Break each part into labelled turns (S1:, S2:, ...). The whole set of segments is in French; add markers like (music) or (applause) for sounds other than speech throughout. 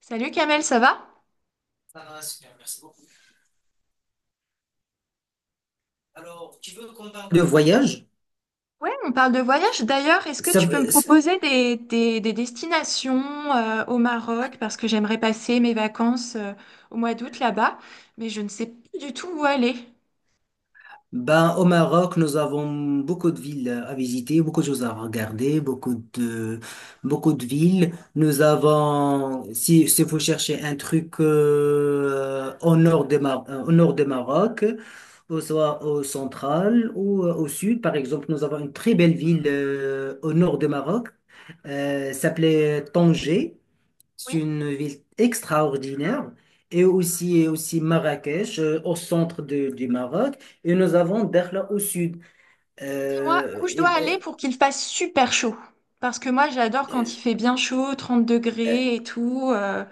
S1: Salut Kamel, ça va?
S2: Voyage.
S1: Ouais, on parle de voyage. D'ailleurs, est-ce que
S2: ça,
S1: tu peux me
S2: veut- c'est-
S1: proposer des destinations au Maroc? Parce que j'aimerais passer mes vacances au mois d'août là-bas, mais je ne sais plus du tout où aller.
S2: ben, au Maroc, nous avons beaucoup de villes à visiter, beaucoup de choses à regarder, beaucoup de villes. Nous avons, si vous cherchez un truc au nord de au nord de Maroc, ou soit au central ou au sud, par exemple, nous avons une très belle ville au nord de Maroc, s'appelait Tanger. C'est
S1: Oui,
S2: une ville extraordinaire. Et aussi Marrakech, au centre du Maroc. Et nous avons Dakhla au sud.
S1: dis-moi
S2: Euh,
S1: où je
S2: et-
S1: dois aller pour qu'il fasse super chaud. Parce que moi, j'adore quand il fait bien chaud, 30
S2: euh,
S1: degrés et tout,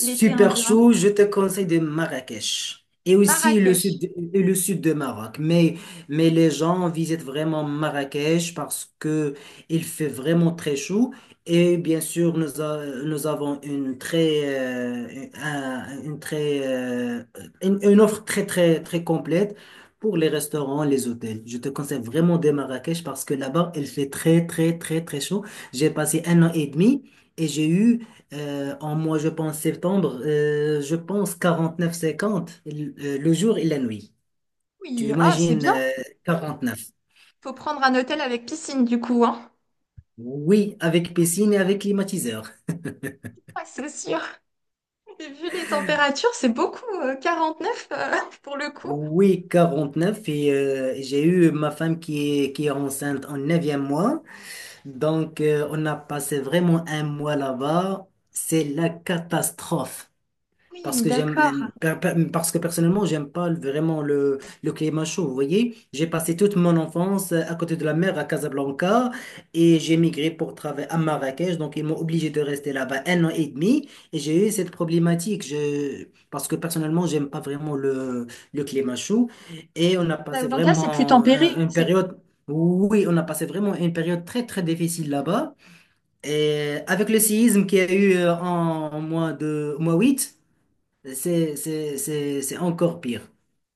S1: l'été indien.
S2: chaud, je te conseille de Marrakech. Et aussi le
S1: Marrakech.
S2: sud, et le sud de Maroc. Mais les gens visitent vraiment Marrakech parce que il fait vraiment très chaud. Et bien sûr, nous avons une offre très, très, très complète pour les restaurants, les hôtels. Je te conseille vraiment de Marrakech parce que là-bas, il fait très, très, très, très chaud. J'ai passé un an et demi. Et j'ai eu en mois, je pense septembre, je pense 49-50, le jour et la nuit. Tu
S1: Oui, ah, c'est
S2: imagines
S1: bien.
S2: neuf.
S1: Faut prendre un hôtel avec piscine du coup, hein?
S2: Oui, avec piscine et avec climatiseur.
S1: Ouais, c'est sûr. Et vu les températures, c'est beaucoup, 49 (laughs) pour le coup.
S2: Oui, 49. Et j'ai eu ma femme qui est enceinte en neuvième mois. Donc, on a passé vraiment un mois là-bas. C'est la catastrophe. Parce
S1: Oui,
S2: que j'aime,
S1: d'accord.
S2: euh, per- per- parce que personnellement, j'aime pas vraiment le climat chaud. Vous voyez, j'ai passé toute mon enfance à côté de la mer à Casablanca et j'ai migré pour travailler à Marrakech. Donc, ils m'ont obligé de rester là-bas un an et demi et j'ai eu cette problématique. Parce que personnellement, j'aime pas vraiment le climat chaud. Et on a passé
S1: Casablanca, c'est plus
S2: vraiment
S1: tempéré.
S2: une
S1: C'est...
S2: période, oui, on a passé vraiment une période très, très difficile là-bas. Et avec le séisme qu'il y a eu en, au mois de, au mois 8, c'est encore pire.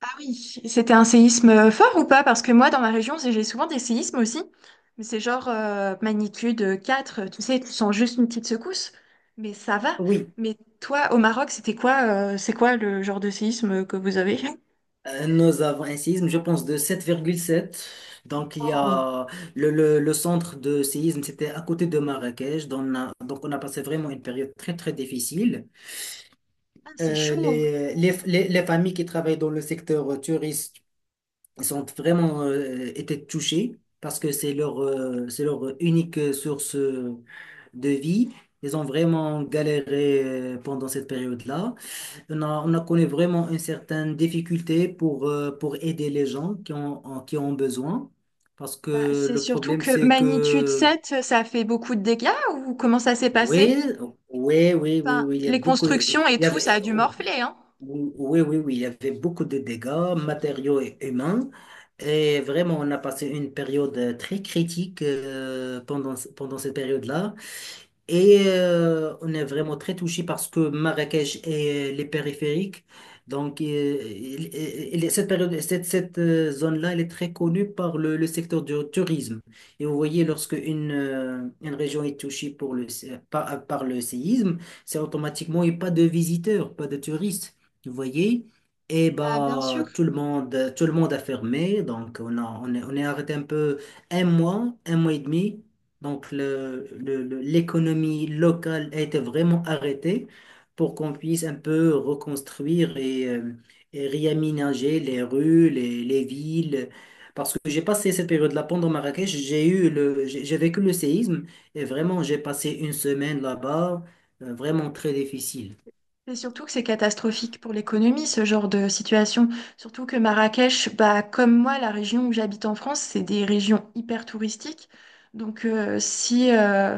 S1: Ah oui, c'était un séisme fort ou pas? Parce que moi, dans ma région, c'est- j'ai souvent des séismes aussi. Mais c'est genre magnitude 4, tu sais, tu sens juste une petite secousse. Mais ça va.
S2: Oui.
S1: Mais toi, au Maroc, c'était quoi, c'est quoi le genre de séisme que vous avez?
S2: Nous avons un séisme, je pense, de 7,7. Donc, il y
S1: Oh.
S2: a le centre de séisme, c'était à côté de Marrakech. Donc on a passé vraiment une période très, très difficile.
S1: Ah, c'est chaud.
S2: Les familles qui travaillent dans le secteur touriste sont vraiment été touchées parce que c'est leur unique source de vie. Ils ont vraiment galéré pendant cette période-là. On a connu vraiment une certaine difficulté pour aider les gens qui ont besoin. Parce
S1: Bah,
S2: que
S1: c'est
S2: le
S1: surtout
S2: problème,
S1: que
S2: c'est
S1: magnitude
S2: que,
S1: 7, ça a fait beaucoup de dégâts ou comment ça s'est
S2: oui,
S1: passé?
S2: oui, oui, oui,
S1: Enfin,
S2: oui, il y a
S1: les
S2: beaucoup, il
S1: constructions et
S2: y
S1: tout, ça
S2: avait,
S1: a dû morfler, hein?
S2: oui, oui, oui, il y avait beaucoup de dégâts matériaux et humains. Et vraiment, on a passé une période très critique, pendant cette période-là. Et on est vraiment très touché parce que Marrakech et les périphériques, donc cette période, cette, cette zone-là, elle est très connue par le secteur du tourisme. Et vous voyez, lorsque une région est touchée pour le, sé- par, par le séisme, c'est automatiquement, il n'y a pas de visiteurs, pas de touristes. Vous voyez? Et
S1: Bah, bien sûr.
S2: bah, tout le monde a fermé, donc on est arrêté un peu un mois et demi. Donc, l'économie locale a été vraiment arrêtée pour qu'on puisse un peu reconstruire et réaménager les rues, les villes. Parce que j'ai passé cette période-là pendant Marrakech, j'ai vécu le séisme et vraiment, j'ai passé une semaine là-bas, vraiment très difficile.
S1: Et surtout que c'est catastrophique pour l'économie, ce genre de situation. Surtout que Marrakech, bah, comme moi, la région où j'habite en France, c'est des régions hyper touristiques. Donc, si,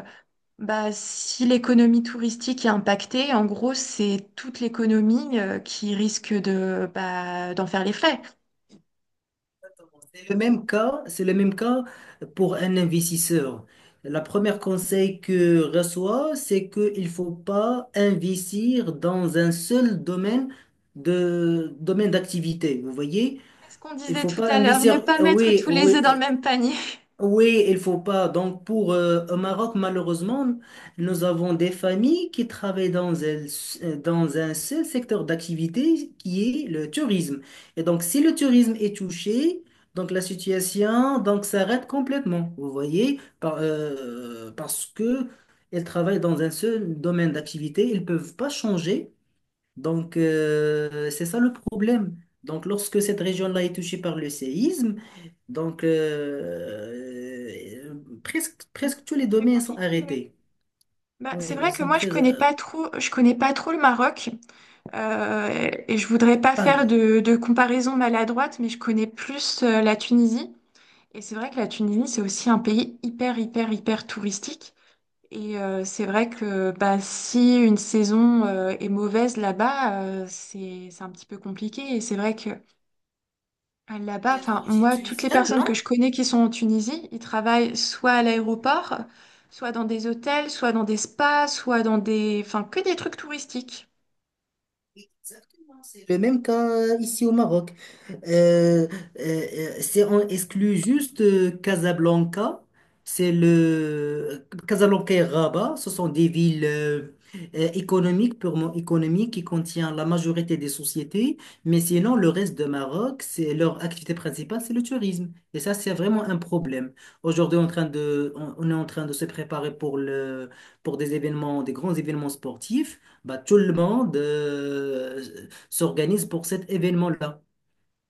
S1: bah, si l'économie touristique est impactée, en gros, c'est toute l'économie, qui risque de, bah, d'en faire les frais.
S2: C'est le même cas pour un investisseur. La première conseil que reçoit, c'est qu'il ne faut pas investir dans un seul domaine d'activité. Vous voyez,
S1: C'est ce qu'on
S2: il
S1: disait
S2: faut
S1: tout
S2: pas
S1: à l'heure, ne
S2: investir.
S1: pas mettre
S2: Oui,
S1: tous les
S2: oui.
S1: œufs dans le même panier.
S2: Oui, il faut pas. Donc, pour au Maroc, malheureusement, nous avons des familles qui travaillent dans un seul secteur d'activité qui est le tourisme. Et donc, si le tourisme est touché, donc la situation donc s'arrête complètement. Vous voyez, parce que elles travaillent dans un seul domaine d'activité, ils peuvent pas changer. Donc, c'est ça le problème. Donc, lorsque cette région-là est touchée par le séisme, donc euh, presque
S1: (laughs)
S2: tous les
S1: C'est très
S2: domaines sont
S1: compliqué, oui.
S2: arrêtés.
S1: Bah, c'est
S2: Oui,
S1: vrai
S2: ils
S1: que
S2: sont
S1: moi je
S2: très...
S1: connais pas trop, je connais pas trop le Maroc et je voudrais pas faire
S2: enfin,
S1: de comparaison maladroite, mais je connais plus la Tunisie. Et c'est vrai que la Tunisie c'est aussi un pays hyper hyper hyper touristique. Et c'est vrai que bah, si une saison est mauvaise là-bas, c'est un petit peu compliqué. Et c'est vrai que là-bas,
S2: il est
S1: enfin,
S2: d'origine
S1: moi, toutes les
S2: tunisienne,
S1: personnes que
S2: non?
S1: je connais qui sont en Tunisie, ils travaillent soit à l'aéroport, soit dans des hôtels, soit dans des spas, soit dans des... Enfin, que des trucs touristiques.
S2: Exactement, c'est le même cas ici au Maroc. Euh, euh, on exclut juste Casablanca. C'est le Casablanca et Rabat. Ce sont des villes économiques, purement économiques, qui contiennent la majorité des sociétés. Mais sinon, le reste de Maroc, c'est leur activité principale, c'est le tourisme. Et ça, c'est vraiment un problème. Aujourd'hui, on est en train de se préparer pour pour des événements, des grands événements sportifs. Bah, tout le monde s'organise pour cet événement-là.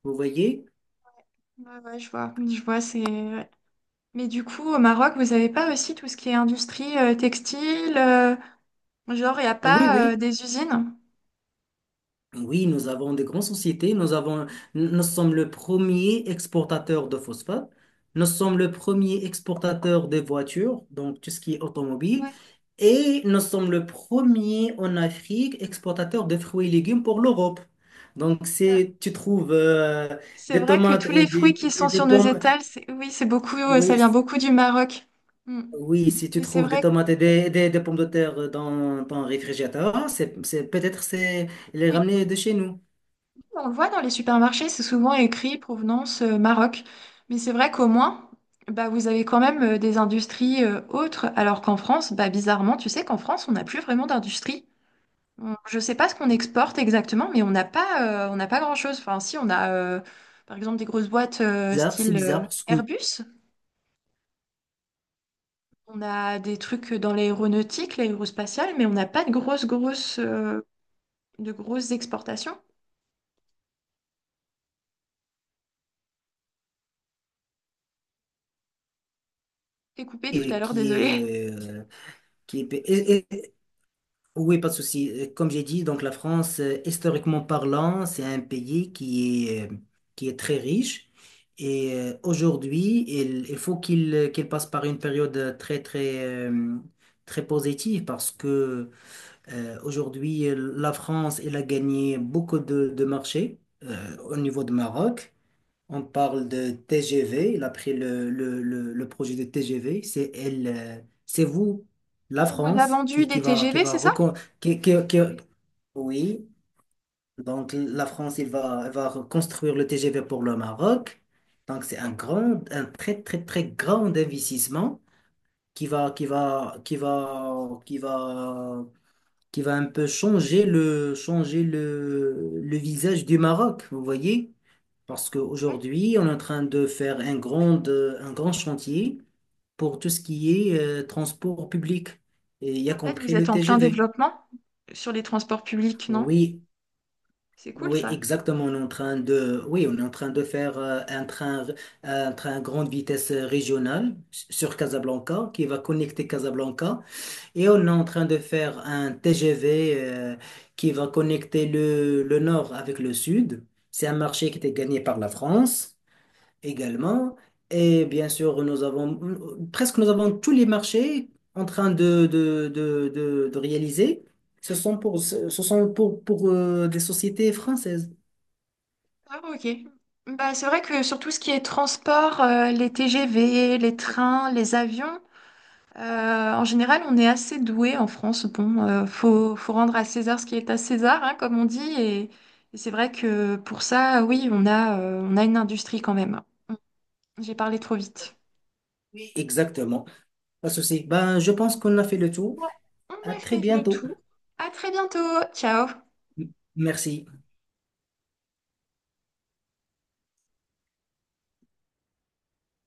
S2: Vous voyez?
S1: Ouais, ouais, je vois, c'est... ouais. Mais du coup, au Maroc, vous avez pas aussi tout ce qui est industrie textile, genre, il n'y a
S2: Oui,
S1: pas
S2: oui.
S1: des usines?
S2: Oui, nous avons des grandes sociétés. Nous sommes le premier exportateur de phosphate. Nous sommes le premier exportateur de voitures, donc tout ce qui est automobile.
S1: Ouais,
S2: Et nous sommes le premier en Afrique exportateur de fruits et légumes pour l'Europe. Donc,
S1: bah,
S2: tu trouves
S1: c'est
S2: des
S1: vrai que
S2: tomates
S1: tous les
S2: et
S1: fruits
S2: des,
S1: qui sont
S2: et des
S1: sur nos
S2: pommes.
S1: étals, c'est- oui, c'est beaucoup, ça
S2: Oui.
S1: vient beaucoup du Maroc. Mm.
S2: Oui, si tu
S1: Et c'est
S2: trouves des
S1: vrai, que-
S2: tomates et des pommes de terre dans ton réfrigérateur, peut-être c'est les
S1: oui.
S2: ramener de chez nous.
S1: On le voit dans les supermarchés, c'est souvent écrit provenance Maroc. Mais c'est vrai qu'au moins, bah, vous avez quand même des industries autres, alors qu'en France, bah, bizarrement, tu sais qu'en France, on n'a plus vraiment d'industrie. On- Je ne sais pas ce qu'on exporte exactement, mais on n'a pas grand-chose. Enfin, si, on a par exemple des grosses boîtes
S2: Bizarre, c'est
S1: style
S2: bizarre parce que
S1: Airbus. On a des trucs dans l'aéronautique, l'aérospatiale, mais on n'a pas de de grosses exportations. T'es coupé tout à
S2: et
S1: l'heure, désolé.
S2: qui est et- oui, pas de souci. Comme j'ai dit, donc la France, historiquement parlant, c'est un pays qui est très riche et aujourd'hui, il faut qu'il passe par une période très très très positive parce que aujourd'hui, la France, elle a gagné beaucoup de marchés au niveau de Maroc. On parle de TGV. Il a pris le projet de TGV. C'est vous, la
S1: On vous a
S2: France,
S1: vendu des TGV, c'est ça?
S2: qui- qui- qui- oui, donc la France, elle va reconstruire le TGV pour le Maroc. Donc c'est un très, très, très grand investissement qui va, qui va, qui va, qui va qui va un peu le visage du Maroc, vous voyez? Parce
S1: Ouais.
S2: qu'aujourd'hui, on est en train de faire un grand chantier pour tout ce qui est transport public, et y a
S1: En fait,
S2: compris
S1: vous êtes
S2: le
S1: en plein
S2: TGV.
S1: développement sur les transports publics, non?
S2: Oui,
S1: C'est cool
S2: oui,
S1: ça.
S2: exactement. On est en train de faire un train grande vitesse régionale sur Casablanca qui va connecter Casablanca. Et on est en train de faire un TGV qui va connecter le nord avec le sud. C'est un marché qui était gagné par la France également. Et bien sûr, nous avons presque nous avons tous les marchés en train de réaliser. Ce sont pour des sociétés françaises.
S1: Ah, ok. Bah, c'est vrai que sur tout ce qui est transport, les TGV, les trains, les avions, en général, on est assez doué en France. Bon, faut rendre à César ce qui est à César, hein, comme on dit. Et c'est vrai que pour ça, oui, on a une industrie quand même. J'ai parlé trop vite.
S2: Exactement. Pas de souci. Ben, je pense qu'on a fait le tour.
S1: Ouais, on
S2: À
S1: a
S2: très
S1: fait le
S2: bientôt.
S1: tour. À très bientôt. Ciao.
S2: Merci.